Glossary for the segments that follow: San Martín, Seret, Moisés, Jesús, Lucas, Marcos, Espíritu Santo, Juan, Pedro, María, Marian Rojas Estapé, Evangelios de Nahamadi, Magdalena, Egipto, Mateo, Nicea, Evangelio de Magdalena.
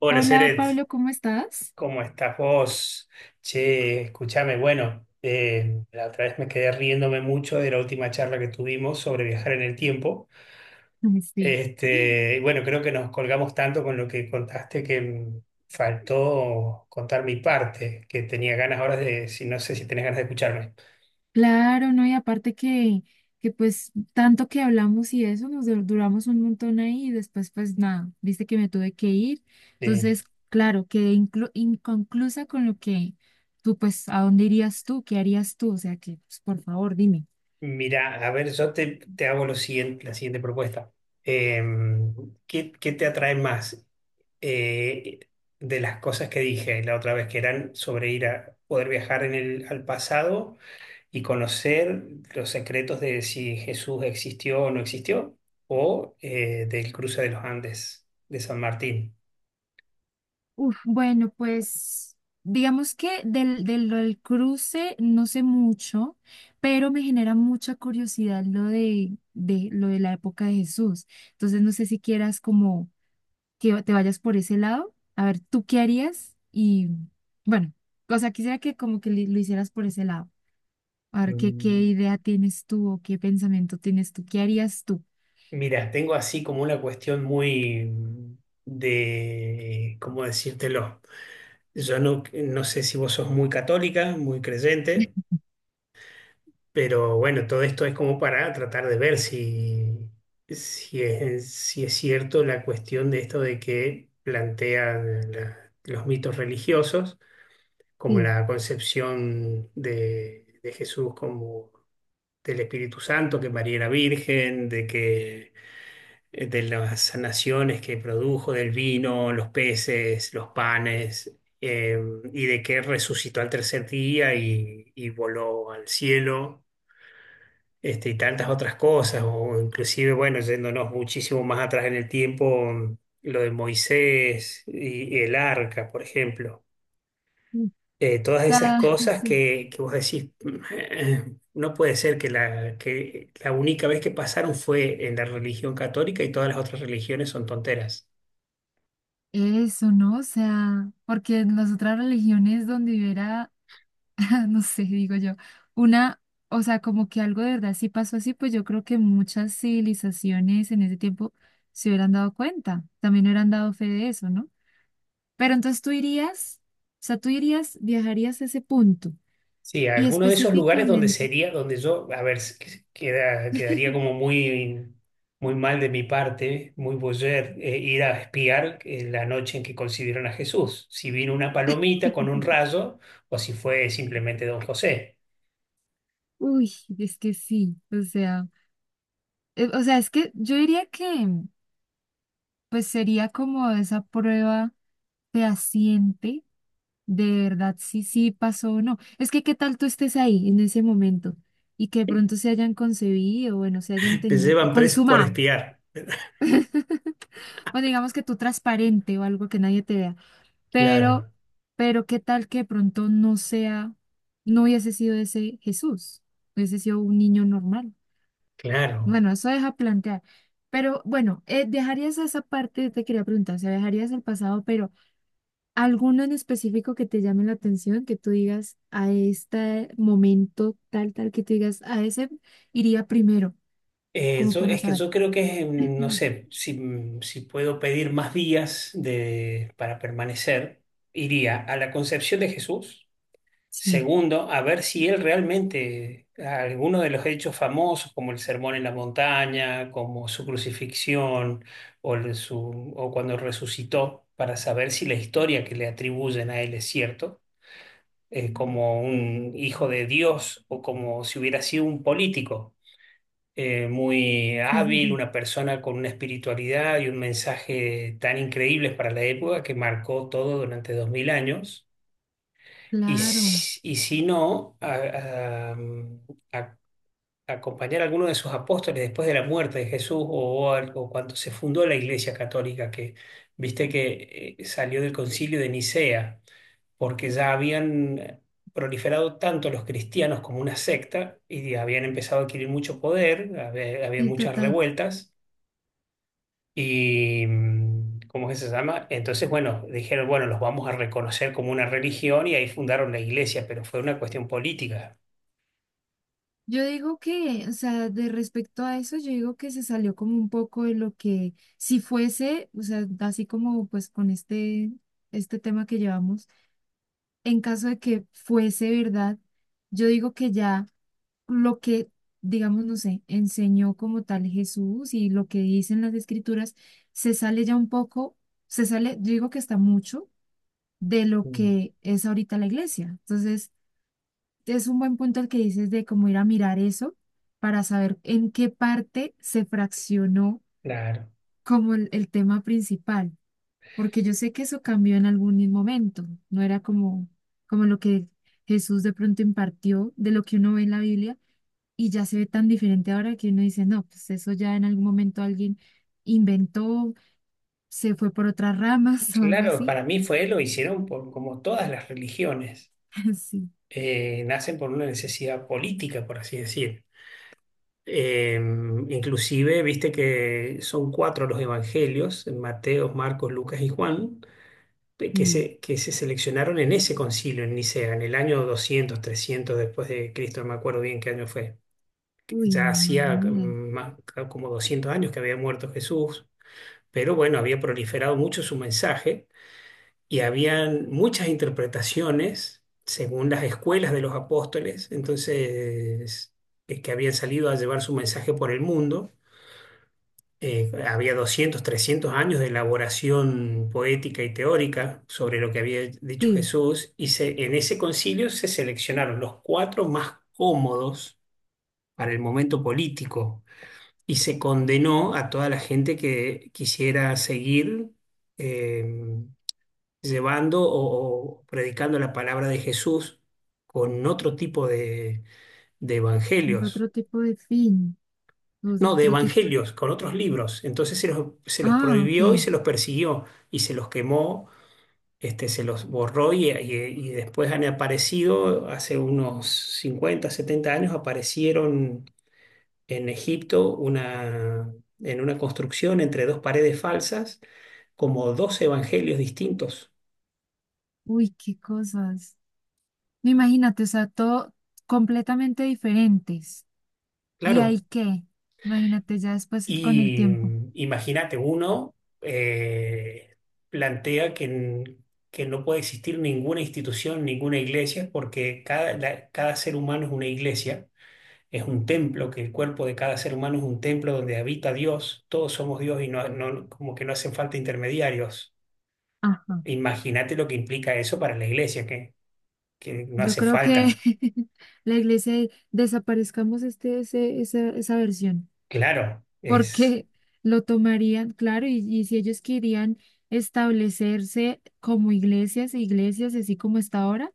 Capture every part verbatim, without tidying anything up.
Hola, Hola Seret, Pablo, ¿cómo estás? ¿cómo estás vos? Che, escúchame, bueno, eh, la otra vez me quedé riéndome mucho de la última charla que tuvimos sobre viajar en el tiempo. Sí. Este, y bueno, creo que nos colgamos tanto con lo que contaste que mm, faltó contar mi parte, que tenía ganas ahora de, si no sé si tenés ganas de escucharme. Claro, ¿no? Y aparte que, que pues tanto que hablamos y eso, nos dur- duramos un montón ahí y después pues nada, viste que me tuve que ir. Eh, Entonces, claro, quedé inclu- inconclusa con lo que tú pues, ¿a dónde irías tú? ¿Qué harías tú? O sea que, pues, por favor, dime. mira, a ver, yo te, te hago lo siguiente, la siguiente propuesta. Em, ¿qué, qué te atrae más? eh, de las cosas que dije la otra vez, que eran sobre ir a poder viajar en el, al pasado y conocer los secretos de si Jesús existió o no existió, o eh, del cruce de los Andes de San Martín. Uf, bueno, pues digamos que del, del, lo del cruce no sé mucho, pero me genera mucha curiosidad lo de, de lo de la época de Jesús. Entonces no sé si quieras como que te vayas por ese lado. A ver, ¿tú qué harías? Y bueno, o sea, quisiera que como que li- lo hicieras por ese lado. A ver, ¿qué, qué Mm, idea tienes tú o qué pensamiento tienes tú? ¿Qué harías tú? Mira, tengo así como una cuestión muy mm, de, ¿cómo decírtelo? Yo no, no sé si vos sos muy católica, muy creyente. Pero bueno, todo esto es como para tratar de ver si, si es, si es cierto la cuestión de esto de que plantean la- los mitos religiosos, como Sí. la concepción de, de Jesús como del Espíritu Santo, que María era virgen, de que eh, de las sanaciones que produjo, del vino, los peces, los panes, eh, y de que resucitó al tercer día y y voló al cielo este, y tantas otras cosas, o inclusive, bueno, yéndonos muchísimo más atrás en el tiempo, mm, lo de Moisés y, y el arca, por ejemplo. Mm. O Eh, todas esas sea, cosas sí. que, que vos decís, no puede ser que la, que la única vez que pasaron fue en la religión católica y todas las otras religiones son tonteras. Eso, ¿no? O sea, porque en las otras religiones donde hubiera, no sé, digo yo, una, o sea, como que algo de verdad sí pasó así, pues yo creo que muchas civilizaciones en ese tiempo se hubieran dado cuenta, también hubieran dado fe de eso, ¿no? Pero entonces tú irías, o sea, tú irías, viajarías a ese punto Sí, y alguno de esos lugares donde específicamente, sería, donde yo, a ver, s- que- queda- quedaría como muy, muy mal de mi parte, muy boyer, eh, ir a espiar eh, la noche en que concibieron a Jesús. Si vino una palomita con un rayo o si fue simplemente don José. uy, es que sí, o sea, eh, o sea, es que yo diría que pues sería como esa prueba fehaciente. De verdad, sí, sí pasó o no. Es que qué tal tú estés ahí en ese momento y que de pronto se hayan concebido, bueno, se hayan Te tenido, llevan presos por consumado. espiar. O digamos que tú transparente o algo que nadie te vea. Pero, Claro, pero qué tal que de pronto no sea, no hubiese sido ese Jesús, hubiese sido un niño normal. claro. Bueno, eso deja plantear. Pero bueno, eh, dejarías esa parte, te quería preguntar, o sea, dejarías el pasado, pero ¿alguno en específico que te llame la atención, que tú digas a este momento tal, tal, que tú digas a ese iría primero, Eh, como yo- para es que saber? yo creo que, mm, no sé, si, mm, si puedo pedir más días de, para permanecer, iría a la Concepción de Jesús. Sí. Segundo, a ver si él realmente, alguno de los hechos famosos, como el sermón en la montaña, como su crucifixión, o, el- su, o cuando resucitó, para saber si la historia que le atribuyen a él es cierto, eh, como un hijo de Dios o como si hubiera sido un político eh, muy Sí, sí, hábil, sí, una persona con una espiritualidad y un mensaje tan increíble para la época que marcó todo durante dos mil años y, claro, si- y si no, a- a- mm, a- acompañar a alguno de sus apóstoles después de la muerte de Jesús o, al- o cuando se fundó la Iglesia Católica, que viste que eh, salió del concilio de Nicea, porque ya habían eh, proliferado tanto los cristianos como una secta y habían empezado a adquirir mucho poder, había- había sí, muchas total. revueltas. Y, mm, ¿cómo es que se llama? Entonces, bueno, dijeron, bueno, los vamos a reconocer como una religión y ahí fundaron la iglesia, pero fue una cuestión política. Yo digo que, o sea, de respecto a eso, yo digo que se salió como un poco de lo que, si fuese, o sea, así como pues con este, este tema que llevamos, en caso de que fuese verdad, yo digo que ya. Lo que, digamos, no sé, enseñó como tal Jesús y lo que dicen las escrituras, se sale ya un poco, se sale, yo digo que está mucho de lo Mm. que es ahorita la iglesia. Entonces, es un buen punto el que dices de cómo ir a mirar eso para saber en qué parte se fraccionó Claro, como el, el tema principal, porque yo sé que eso cambió en algún momento, no era como, como lo que Jesús de pronto impartió de lo que uno ve en la Biblia y ya se ve tan diferente ahora que uno dice, no, pues eso ya en algún momento alguien inventó, se fue por otras ramas o algo claro, así. para mí fue, lo hicieron por, como todas las religiones, Sí, eh, nacen por una necesidad política, por así decir. Eh, inclusive, viste que son cuatro los evangelios, Mateo, Marcos, Lucas y Juan de- que sí. se, que se seleccionaron en ese concilio en Nicea, en el año doscientos trescientos después de Cristo, no me acuerdo bien qué año fue. Uy, Ya no, no, yo hacía ni idea. mm, más- como doscientos años que había muerto Jesús, pero bueno, había proliferado mucho su mensaje y habían muchas interpretaciones según las escuelas de los apóstoles, entonces, eh, que habían salido a llevar su mensaje por el mundo eh, había doscientos trescientos años de elaboración poética y teórica sobre lo que había dicho Sí, Jesús, y se- en ese concilio se seleccionaron los cuatro más cómodos para el momento político y se condenó a toda la gente que quisiera seguir eh, llevando o, o predicando la palabra de Jesús con otro tipo de de evangelios otro tipo de fin, o sea, no, de otro tipo de- evangelios, con otros libros. Entonces se los, se los Ah, ok. prohibió y se los persiguió y se los quemó, este, se los borró y, y- y después han aparecido, hace unos cincuenta, setenta años, aparecieron en Egipto una, en una construcción entre dos paredes falsas como dos evangelios distintos. Uy, qué cosas. No, imagínate, o sea, todo completamente diferentes. ¿Y ahí Claro, qué? Imagínate ya después es con el y tiempo. mm, imagínate, uno eh, plantea que, n- que no puede existir ninguna institución, ninguna iglesia, porque cada, la- cada ser humano es una iglesia, es un templo, que el cuerpo de cada ser humano es un templo donde habita Dios, todos somos Dios y no, no- como que no hacen falta intermediarios. Ajá. Imagínate lo que implica eso para la iglesia, que, que no Yo hace creo que falta. la iglesia desaparezcamos este, ese, esa, esa versión. Claro, es... Porque lo tomarían, claro, y, y si ellos querían establecerse como iglesias, iglesias así como está ahora,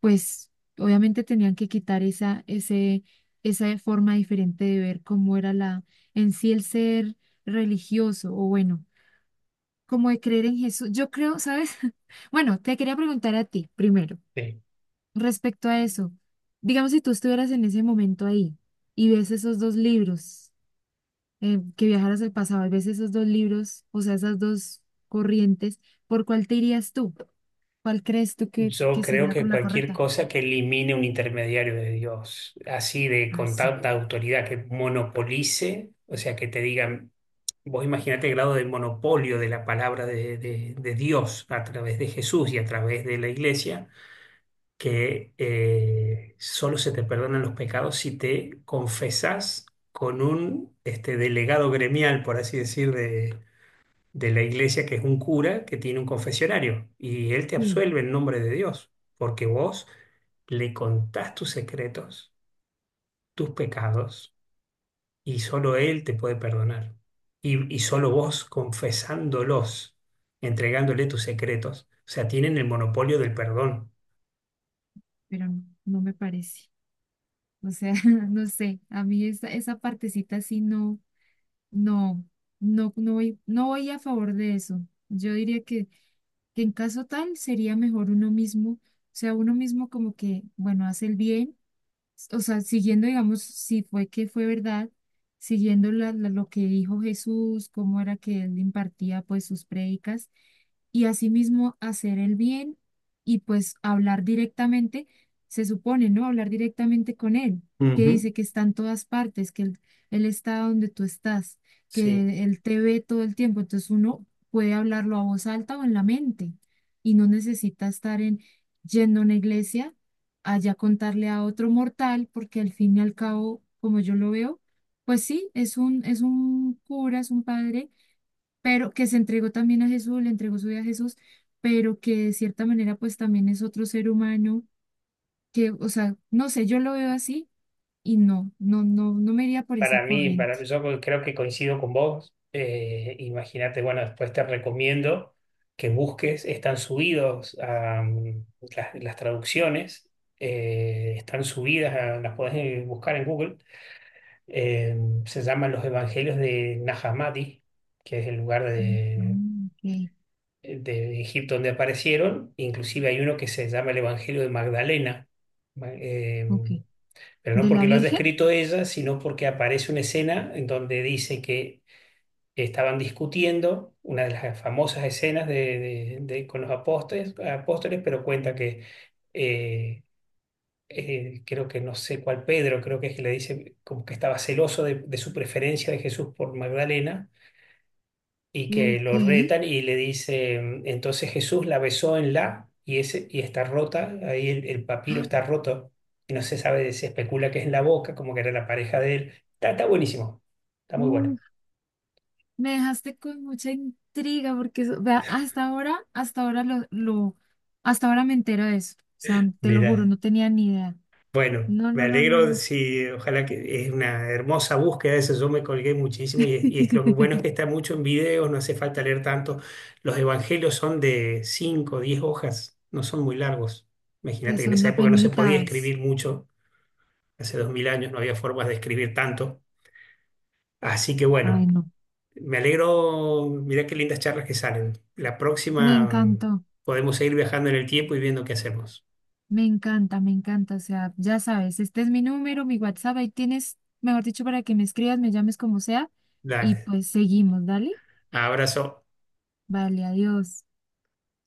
pues obviamente tenían que quitar esa, ese, esa forma diferente de ver cómo era la, en sí el ser religioso, o bueno, como de creer en Jesús. Yo creo, ¿sabes? Bueno, te quería preguntar a ti primero, sí. respecto a eso, digamos si tú estuvieras en ese momento ahí y ves esos dos libros eh, que viajaras el pasado, al veces esos dos libros, o sea, esas dos corrientes, ¿por cuál te irías tú? ¿Cuál crees tú que, Yo que creo sería que como la cualquier correcta? cosa que elimine un intermediario de Dios, así de Ah, con sí. tanta autoridad que monopolice, o sea, que te digan, vos imagínate el grado de monopolio de la palabra de, de- de Dios a través de Jesús y a través de la iglesia, que eh, solo se te perdonan los pecados si te confesás con un este, delegado gremial, por así decir, de la iglesia que es un cura que tiene un confesionario y él te Sí, absuelve en nombre de Dios, porque vos le contás tus secretos, tus pecados y solo él te puede perdonar. Y, y solo vos confesándolos, entregándole tus secretos, o sea, tienen el monopolio del perdón. pero no, no me parece. O sea, no sé, a mí esa, esa partecita sí no, no, no, no voy, no voy a favor de eso. Yo diría que, que en caso tal sería mejor uno mismo, o sea, uno mismo como que, bueno, hace el bien, o sea, siguiendo, digamos, si fue que fue verdad, siguiendo la- la- lo que dijo Jesús, cómo era que él impartía pues sus prédicas y asimismo hacer el bien y pues hablar directamente, se supone, ¿no? Hablar directamente con él, que Ujú. dice que está en todas partes, que él, él está donde tú estás, Sí. que él te ve todo el tiempo, entonces uno puede hablarlo a voz alta o en la mente y no necesita estar en... yendo a una iglesia allá contarle a otro mortal, porque al fin y al cabo, como yo lo veo, pues sí, es un, es un cura, es un padre, pero que se entregó también a Jesús, le entregó su vida a Jesús, pero que de cierta manera pues también es otro ser humano, que, o sea, no sé, yo lo veo así y no, no, no, no me iría por esa Para mí, corriente. para, yo co- creo que coincido con vos. Eh, imagínate, bueno, después te recomiendo que busques, están subidos a, mm, las, las traducciones, eh, están subidas, a- las podés eh, buscar en Google. Eh, se llaman los Evangelios de Nahamadi, que es el lugar Mm, ah, de, ok, de Egipto donde aparecieron. Inclusive hay uno que se llama el Evangelio de Magdalena. Ma- eh, ok. pero no ¿De la porque lo haya Virgen? escrito ella, sino porque aparece una escena en donde dice que estaban discutiendo, una de las famosas escenas de, de- de- con los apóstoles, apóstoles, pero cuenta que eh, eh, creo que no sé cuál Pedro, creo que es que le dice como que estaba celoso de, de su preferencia de Jesús por Magdalena y que Ok. lo retan y le dice, entonces Jesús la besó en la y, ese, y está rota, ahí el, el papiro Ah, está roto y no se sabe, se especula que es en la boca, como que era la pareja de él. Está, está buenísimo, está muy bueno. me dejaste con mucha intriga porque eso- vea, hasta ahora, hasta ahora lo, lo, hasta ahora me entero de eso. O sea, te lo juro, Mira, no tenía ni idea. bueno, No, me no, no, no, alegro no. si, ojalá que es una hermosa búsqueda, eso yo me colgué muchísimo y, es- y es lo bueno es que está mucho en videos, no hace falta leer tanto. Los evangelios son de cinco, diez hojas, no son muy largos. Imagínate Pues que en son esa no época no se podía penitas. escribir mucho. Hace dos mil años no había formas de escribir tanto. Así que bueno, Ay, no. me alegro, mirá qué lindas charlas que salen. La Me próxima encantó, podemos seguir viajando en el tiempo y viendo qué hacemos. me encanta, me encanta. O sea, ya sabes, este es mi número, mi WhatsApp, ahí tienes, mejor dicho, para que me escribas, me llames como sea. Y Dale, pues seguimos, dale. abrazo. Vale, adiós.